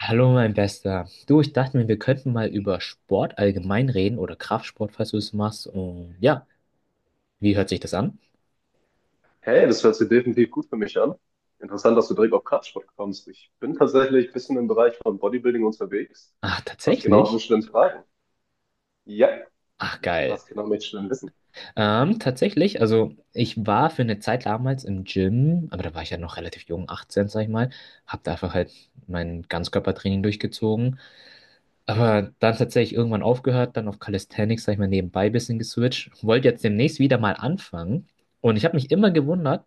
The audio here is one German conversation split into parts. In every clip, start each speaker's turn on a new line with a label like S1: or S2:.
S1: Hallo, mein Bester. Du, ich dachte mir, wir könnten mal über Sport allgemein reden oder Kraftsport, falls du es machst. Und ja, wie hört sich das an?
S2: Hey, das hört sich definitiv gut für mich an. Interessant, dass du direkt auf Kraftsport kommst. Ich bin tatsächlich ein bisschen im Bereich von Bodybuilding unterwegs.
S1: Ach,
S2: Was genau
S1: tatsächlich?
S2: möchtest du denn fragen? Ja,
S1: Ach, geil.
S2: was genau möchtest du denn wissen?
S1: Also ich war für eine Zeit damals im Gym, aber da war ich ja noch relativ jung, 18, sag ich mal. Hab da einfach halt mein Ganzkörpertraining durchgezogen. Aber dann tatsächlich irgendwann aufgehört, dann auf Calisthenics, sag ich mal, nebenbei ein bisschen geswitcht. Wollte jetzt demnächst wieder mal anfangen. Und ich habe mich immer gewundert,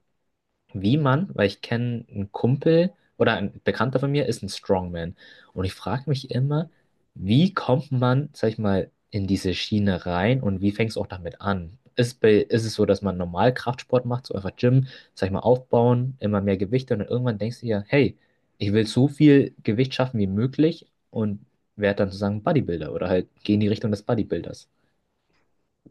S1: wie man, weil ich kenne einen Kumpel oder ein Bekannter von mir ist ein Strongman. Und ich frage mich immer, wie kommt man, sag ich mal, in diese Schiene rein und wie fängst du auch damit an? Ist, bei, ist es so, dass man normal Kraftsport macht, so einfach Gym, sag ich mal, aufbauen, immer mehr Gewichte und dann irgendwann denkst du ja, hey, ich will so viel Gewicht schaffen wie möglich und werde dann sozusagen Bodybuilder oder halt geh in die Richtung des Bodybuilders.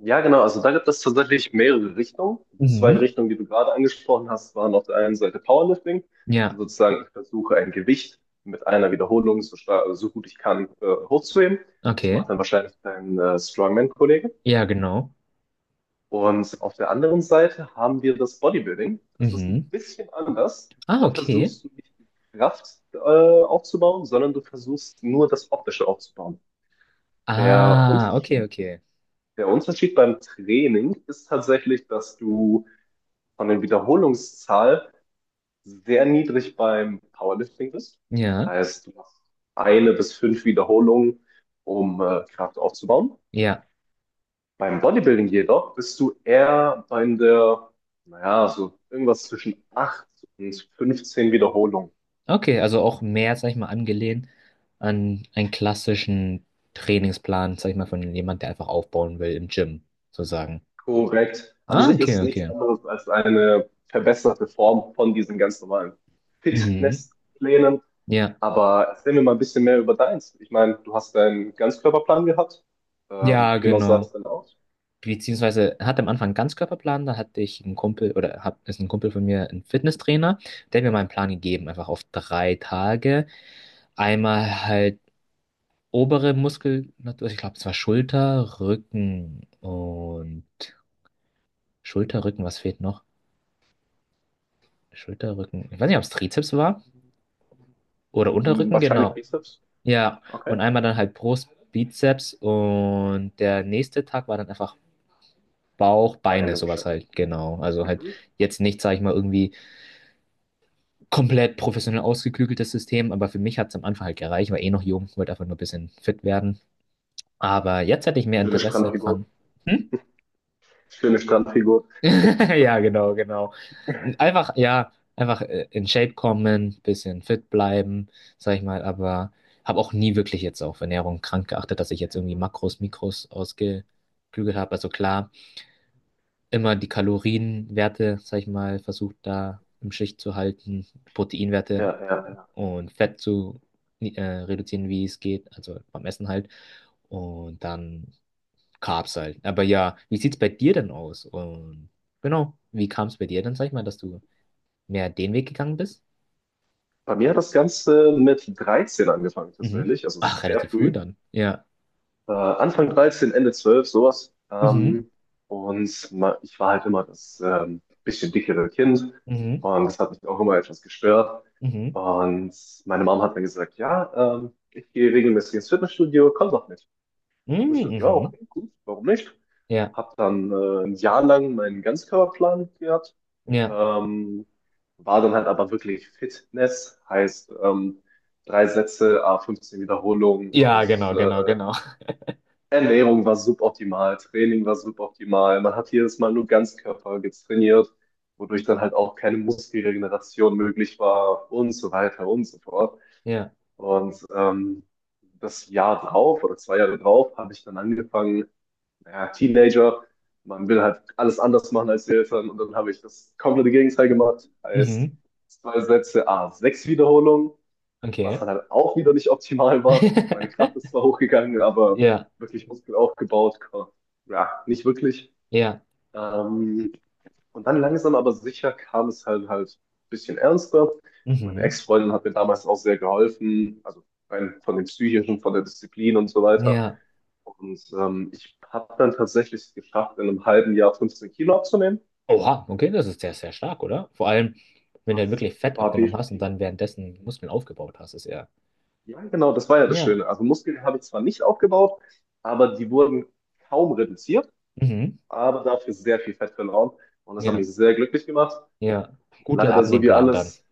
S2: Ja, genau. Also da gibt es tatsächlich mehrere Richtungen. Die zwei
S1: Mhm.
S2: Richtungen, die du gerade angesprochen hast, waren auf der einen Seite Powerlifting. Also
S1: Ja,
S2: sozusagen, ich versuche ein Gewicht mit einer Wiederholung so stark, so gut ich kann, hochzuheben. Das
S1: okay.
S2: macht dann wahrscheinlich dein Strongman-Kollege.
S1: Ja, genau.
S2: Und auf der anderen Seite haben wir das Bodybuilding. Das ist ein
S1: Mhm.
S2: bisschen anders.
S1: Ah,
S2: Da
S1: okay.
S2: versuchst du nicht die Kraft aufzubauen, sondern du versuchst nur das Optische aufzubauen. Der
S1: Ah, okay,
S2: Unterschied,
S1: okay.
S2: der Unterschied beim Training ist tatsächlich, dass du von der Wiederholungszahl sehr niedrig beim Powerlifting bist.
S1: Ja,
S2: Heißt, du machst eine bis fünf Wiederholungen, um Kraft aufzubauen.
S1: ja.
S2: Beim Bodybuilding jedoch bist du eher bei der, naja, so irgendwas zwischen 8 und 15 Wiederholungen.
S1: Okay, also auch mehr, sag ich mal, angelehnt an einen klassischen Trainingsplan, sag ich mal, von jemand, der einfach aufbauen will im Gym, sozusagen.
S2: Korrekt. An
S1: Ah,
S2: sich ist
S1: okay,
S2: es nichts
S1: okay.
S2: anderes als eine verbesserte Form von diesen ganz normalen
S1: Mhm.
S2: Fitnessplänen.
S1: Ja.
S2: Aber erzähl mir mal ein bisschen mehr über deins. Ich meine, du hast deinen Ganzkörperplan gehabt.
S1: Ja,
S2: Wie genau sah das
S1: genau.
S2: denn aus?
S1: Beziehungsweise hatte am Anfang einen Ganzkörperplan, da hatte ich einen Kumpel, oder hab, ist ein Kumpel von mir, ein Fitnesstrainer, der hat mir mal einen Plan gegeben, einfach auf drei Tage. Einmal halt obere Muskulatur, ich glaube, es war Schulter, Rücken und Schulter, Rücken, was fehlt noch? Schulter, Rücken, ich weiß nicht, ob es Trizeps war oder Unterrücken,
S2: Wahrscheinlich
S1: genau.
S2: Bizeps.
S1: Ja,
S2: Okay.
S1: und einmal dann halt Brust, Bizeps und der nächste Tag war dann einfach Bauch, Beine,
S2: Beine
S1: sowas
S2: wahrscheinlich.
S1: halt, genau. Also halt
S2: Mhm.
S1: jetzt nicht, sag ich mal, irgendwie komplett professionell ausgeklügeltes System, aber für mich hat es am Anfang halt gereicht, war eh noch jung, wollte einfach nur ein bisschen fit werden. Aber jetzt hätte ich mehr
S2: Schöne
S1: Interesse dran.
S2: Strandfigur.
S1: Hm?
S2: Schöne Strandfigur.
S1: Ja, genau, genau. Einfach, ja, einfach in Shape kommen, bisschen fit bleiben, sag ich mal, aber habe auch nie wirklich jetzt auf Ernährung krank geachtet, dass ich jetzt irgendwie Makros, Mikros ausgeklügelt habe. Also klar, immer die Kalorienwerte, sag ich mal, versucht da im Schicht zu halten, Proteinwerte
S2: Ja, ja, ja.
S1: und Fett zu reduzieren, wie es geht, also beim Essen halt. Und dann Carbs halt. Aber ja, wie sieht's bei dir denn aus? Und genau, wie kam es bei dir dann, sag ich mal, dass du mehr den Weg gegangen bist?
S2: Bei mir hat das Ganze mit 13 angefangen
S1: Mhm.
S2: tatsächlich, also
S1: Ach,
S2: sehr
S1: relativ früh
S2: früh.
S1: dann. Ja.
S2: Anfang 13, Ende 12, sowas.
S1: Mhm.
S2: Ich war halt immer das bisschen dickere Kind
S1: Mhm.
S2: und das hat mich auch immer etwas gestört.
S1: Mhm.
S2: Und meine Mom hat dann gesagt, ja, ich gehe regelmäßig ins Fitnessstudio, komm doch mit. Ich habe
S1: Mhm.
S2: gesagt, ja,
S1: Mhm.
S2: okay, gut, warum nicht?
S1: Ja.
S2: Habe dann ein Jahr lang meinen Ganzkörperplan gehabt,
S1: Ja.
S2: ähm, war dann halt aber wirklich Fitness, heißt drei Sätze, a 15 Wiederholungen und
S1: Ja, genau, genau,
S2: äh,
S1: genau.
S2: Ernährung war suboptimal, Training war suboptimal. Man hat jedes Mal nur Ganzkörper getrainiert, wodurch dann halt auch keine Muskelregeneration möglich war und so weiter und so fort.
S1: Ja.
S2: Und das Jahr drauf oder zwei Jahre drauf habe ich dann angefangen, ja, Teenager, man will halt alles anders machen als die Eltern und dann habe ich das komplette Gegenteil gemacht. Heißt,
S1: Mhm.
S2: zwei Sätze, sechs Wiederholungen, was
S1: Okay.
S2: dann halt auch wieder nicht optimal war. Meine Kraft ist zwar hochgegangen, aber
S1: Ja.
S2: wirklich Muskel aufgebaut, ja, nicht wirklich.
S1: Ja.
S2: Ähm, und dann langsam aber sicher kam es halt ein bisschen ernster. Meine
S1: Mhm.
S2: Ex-Freundin hat mir damals auch sehr geholfen, also rein von dem Psychischen, von der Disziplin und so weiter.
S1: Ja.
S2: Und ich habe dann tatsächlich es geschafft, in einem halben Jahr 15 Kilo abzunehmen.
S1: Oha, okay, das ist sehr, sehr stark, oder? Vor allem, wenn du halt
S2: Das
S1: wirklich Fett
S2: war
S1: abgenommen hast und
S2: definitiv,
S1: dann währenddessen Muskeln aufgebaut hast, ist ja.
S2: ja genau, das war ja das
S1: Ja.
S2: Schöne. Also Muskeln habe ich zwar nicht aufgebaut, aber die wurden kaum reduziert,
S1: Mhm.
S2: aber dafür sehr viel Fett verloren. Und das hat mich
S1: Ja.
S2: sehr glücklich gemacht.
S1: Ja, guter
S2: Leider so wie
S1: Abnehmplan dann.
S2: alles,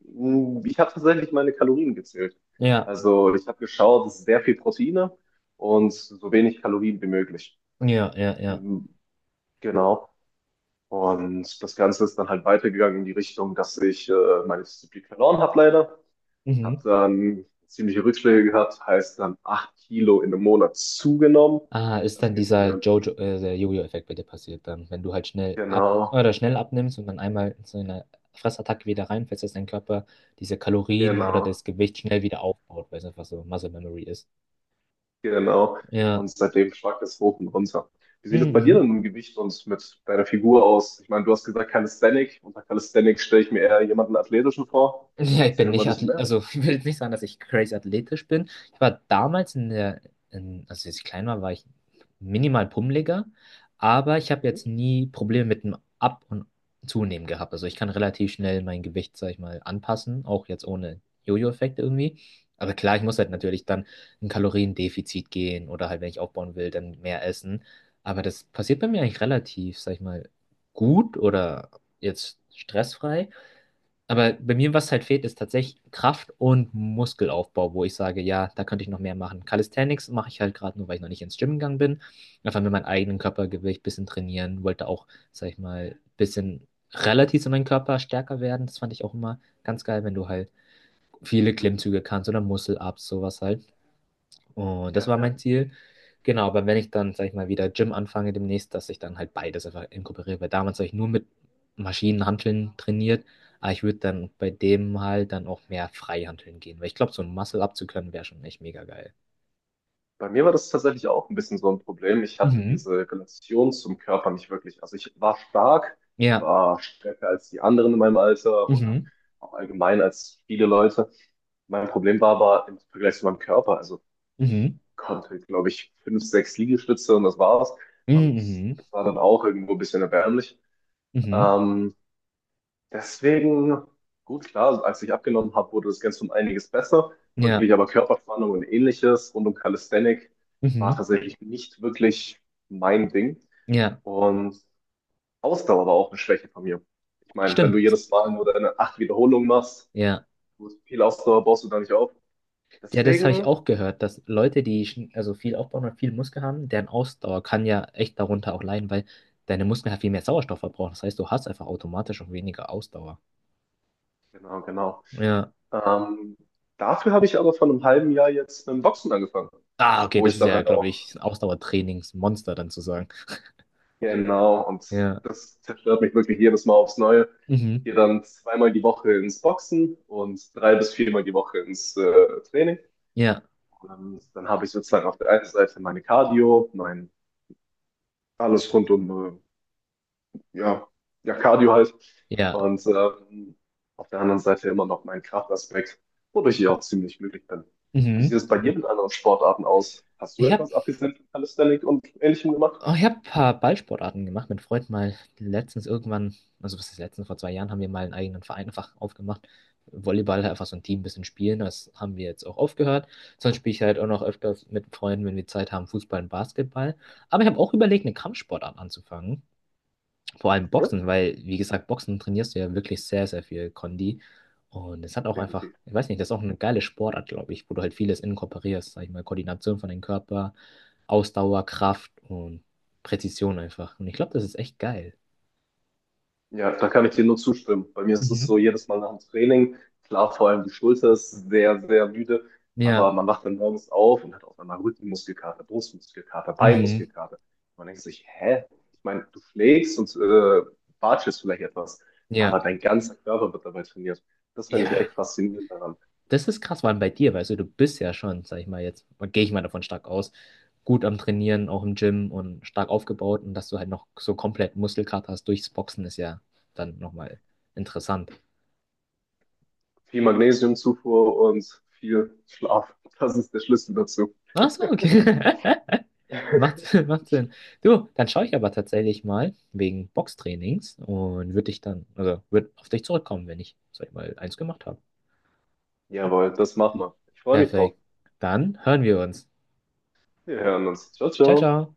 S2: ich habe tatsächlich meine Kalorien gezählt.
S1: Ja,
S2: Also ich habe geschaut, es ist sehr viel Proteine und so wenig Kalorien wie möglich.
S1: ja, ja, ja.
S2: Mhm, Genau. Und das Ganze ist dann halt weitergegangen in die Richtung, dass ich meine Disziplin verloren habe leider. Habe
S1: Mhm.
S2: dann ziemliche Rückschläge gehabt, heißt dann 8 Kilo in einem Monat zugenommen.
S1: Ah, ist
S2: Das
S1: dann
S2: geht bei
S1: dieser
S2: mir,
S1: der Jojo-Effekt bei dir passiert dann, wenn du halt schnell ab
S2: genau,
S1: oder schnell abnimmst und dann einmal in so eine Fressattacke wieder reinfällst, dass dein Körper diese Kalorien oder
S2: genau,
S1: das Gewicht schnell wieder aufbaut, weil es einfach so Muscle Memory ist.
S2: genau. Und
S1: Ja.
S2: seitdem schwankt es hoch und runter. Wie sieht es
S1: Mhm.
S2: bei dir denn
S1: Mhm.
S2: mit dem Gewicht und mit deiner Figur aus? Ich meine, du hast gesagt Calisthenic. Unter Calisthenics stelle ich mir eher jemanden Athletischen vor.
S1: Ja, ich
S2: Erzähl
S1: bin
S2: mir mal ein
S1: nicht
S2: bisschen
S1: Athlet,
S2: mehr.
S1: also ich will nicht sagen, dass ich crazy athletisch bin. Ich war damals also als ich klein war, war ich minimal pummeliger, aber ich habe
S2: Mhm.
S1: jetzt nie Probleme mit dem Ab- und Zunehmen gehabt. Also ich kann relativ schnell mein Gewicht, sag ich mal, anpassen, auch jetzt ohne Jojo-Effekt irgendwie. Aber klar, ich muss halt
S2: Mhm.
S1: natürlich dann ein Kaloriendefizit gehen oder halt, wenn ich aufbauen will, dann mehr essen. Aber das passiert bei mir eigentlich relativ, sag ich mal, gut oder jetzt stressfrei. Aber bei
S2: Mhm.
S1: mir, was halt fehlt, ist tatsächlich Kraft und Muskelaufbau, wo ich sage, ja, da könnte ich noch mehr machen. Calisthenics mache ich halt gerade nur, weil ich noch nicht ins Gym gegangen bin. Einfach mit meinem eigenen Körpergewicht ein bisschen trainieren, wollte auch, sag ich mal, ein bisschen relativ zu meinem Körper stärker werden. Das fand ich auch immer ganz geil, wenn du halt viele
S2: Mhm.
S1: Klimmzüge kannst oder Muscle-Ups, sowas halt. Und das
S2: Ja,
S1: war mein
S2: ja.
S1: Ziel. Genau, aber wenn ich dann, sag ich mal, wieder Gym anfange demnächst, dass ich dann halt beides einfach inkorporiere, weil damals habe ich nur mit Maschinenhanteln trainiert, aber ich würde dann bei dem halt dann auch mehr Freihanteln gehen, weil ich glaube, so ein Muscle-Up zu können wäre schon echt mega geil.
S2: Bei mir war das tatsächlich auch ein bisschen so ein Problem. Ich hatte
S1: Mhm.
S2: diese Relation zum Körper nicht wirklich. Also ich war stark,
S1: Ja.
S2: war stärker als die anderen in meinem Alter oder
S1: Mhm.
S2: auch allgemein als viele Leute. Mein Problem war aber im Vergleich zu meinem Körper. Also ich
S1: Mhm.
S2: konnte, glaube ich, fünf, sechs Liegestütze und das war's. Und
S1: Mhm.
S2: das war dann auch irgendwo ein bisschen erbärmlich.
S1: Mhm. Mhm.
S2: Ähm, Deswegen, gut, klar, als ich abgenommen habe, wurde das Ganze um einiges besser.
S1: Ja.
S2: Wirklich, aber Körperspannung und ähnliches rund um Calisthenic war
S1: Mhm.
S2: tatsächlich nicht wirklich mein Ding.
S1: Ja.
S2: Und Ausdauer war auch eine Schwäche von mir. Ich meine, wenn du
S1: Stimmt.
S2: jedes Mal nur deine acht Wiederholungen machst,
S1: Ja.
S2: gut, viel Ausdauer baust du da nicht auf.
S1: Ja, das habe ich
S2: Deswegen,
S1: auch gehört, dass Leute, die also viel aufbauen und viel Muskel haben, deren Ausdauer kann ja echt darunter auch leiden, weil deine Muskeln halt viel mehr Sauerstoff verbrauchen. Das heißt, du hast einfach automatisch auch weniger Ausdauer.
S2: genau, genau.
S1: Ja.
S2: Ähm, Dafür habe ich aber vor einem halben Jahr jetzt mit dem Boxen angefangen,
S1: Ah, okay,
S2: wo
S1: das
S2: ich
S1: ist
S2: dann
S1: ja,
S2: halt
S1: glaube
S2: auch,
S1: ich, ein Ausdauertrainingsmonster dann zu sagen.
S2: genau, und
S1: Ja.
S2: das zerstört mich wirklich jedes Mal aufs Neue. Ich
S1: Mhm.
S2: gehe dann zweimal die Woche ins Boxen und drei bis viermal die Woche ins Training.
S1: Ja.
S2: Und dann habe ich sozusagen auf der einen Seite meine Cardio, mein alles rund um, äh, ja, ja, Cardio halt.
S1: Ja.
S2: Und auf der anderen Seite immer noch meinen Kraftaspekt, wodurch ich auch ziemlich glücklich bin. Wie sieht
S1: Mhm.
S2: es bei dir mit anderen Sportarten aus? Hast du
S1: Ich habe
S2: etwas abgesehen von Calisthenics und Ähnlichem gemacht?
S1: oh, ich habe ein paar Ballsportarten gemacht. Mein Freund mal letztens irgendwann, also was ist letztens, vor zwei Jahren haben wir mal einen eigenen Verein einfach aufgemacht. Volleyball einfach so ein Team ein bisschen spielen, das haben wir jetzt auch aufgehört. Sonst spiele ich halt auch noch öfters mit Freunden, wenn wir Zeit haben, Fußball und Basketball. Aber ich habe auch überlegt, eine Kampfsportart anzufangen. Vor allem
S2: Hm?
S1: Boxen, weil, wie gesagt, Boxen trainierst du ja wirklich sehr, sehr viel Kondi. Und es hat auch einfach,
S2: Definitiv.
S1: ich weiß nicht, das ist auch eine geile Sportart, glaube ich, wo du halt vieles inkorporierst, sag ich mal, Koordination von dem Körper, Ausdauer, Kraft und Präzision einfach. Und ich glaube, das ist echt geil.
S2: Ja, da kann ich dir nur zustimmen. Bei mir ist es
S1: Mhm.
S2: so, jedes Mal nach dem Training, klar, vor allem die Schulter ist sehr, sehr müde, aber
S1: Ja,
S2: man wacht dann morgens auf und hat auf einmal Rückenmuskelkater, Brustmuskelkater,
S1: mhm,
S2: Beinmuskelkater. Man denkt sich, hä? Ich meine, du schlägst und watschelst vielleicht etwas,
S1: ja,
S2: aber dein ganzer Körper wird dabei trainiert. Das finde ich echt
S1: ja.
S2: faszinierend daran.
S1: Das ist krass, vor allem bei dir, weißt du, du bist ja schon, sag ich mal jetzt, gehe ich mal davon stark aus, gut am Trainieren, auch im Gym und stark aufgebaut und dass du halt noch so komplett Muskelkater hast durchs Boxen ist ja dann nochmal interessant.
S2: Viel Magnesiumzufuhr und viel Schlaf. Das ist der Schlüssel dazu.
S1: Ach so, okay. Macht, macht Sinn. Du, dann schaue ich aber tatsächlich mal wegen Boxtrainings und würde dich dann, also würde auf dich zurückkommen, wenn ich, sag ich mal, eins gemacht habe.
S2: Jawohl, das machen wir. Ich freue mich drauf.
S1: Perfekt. Dann hören wir uns.
S2: Wir hören uns. Ciao,
S1: Ciao,
S2: ciao.
S1: ciao.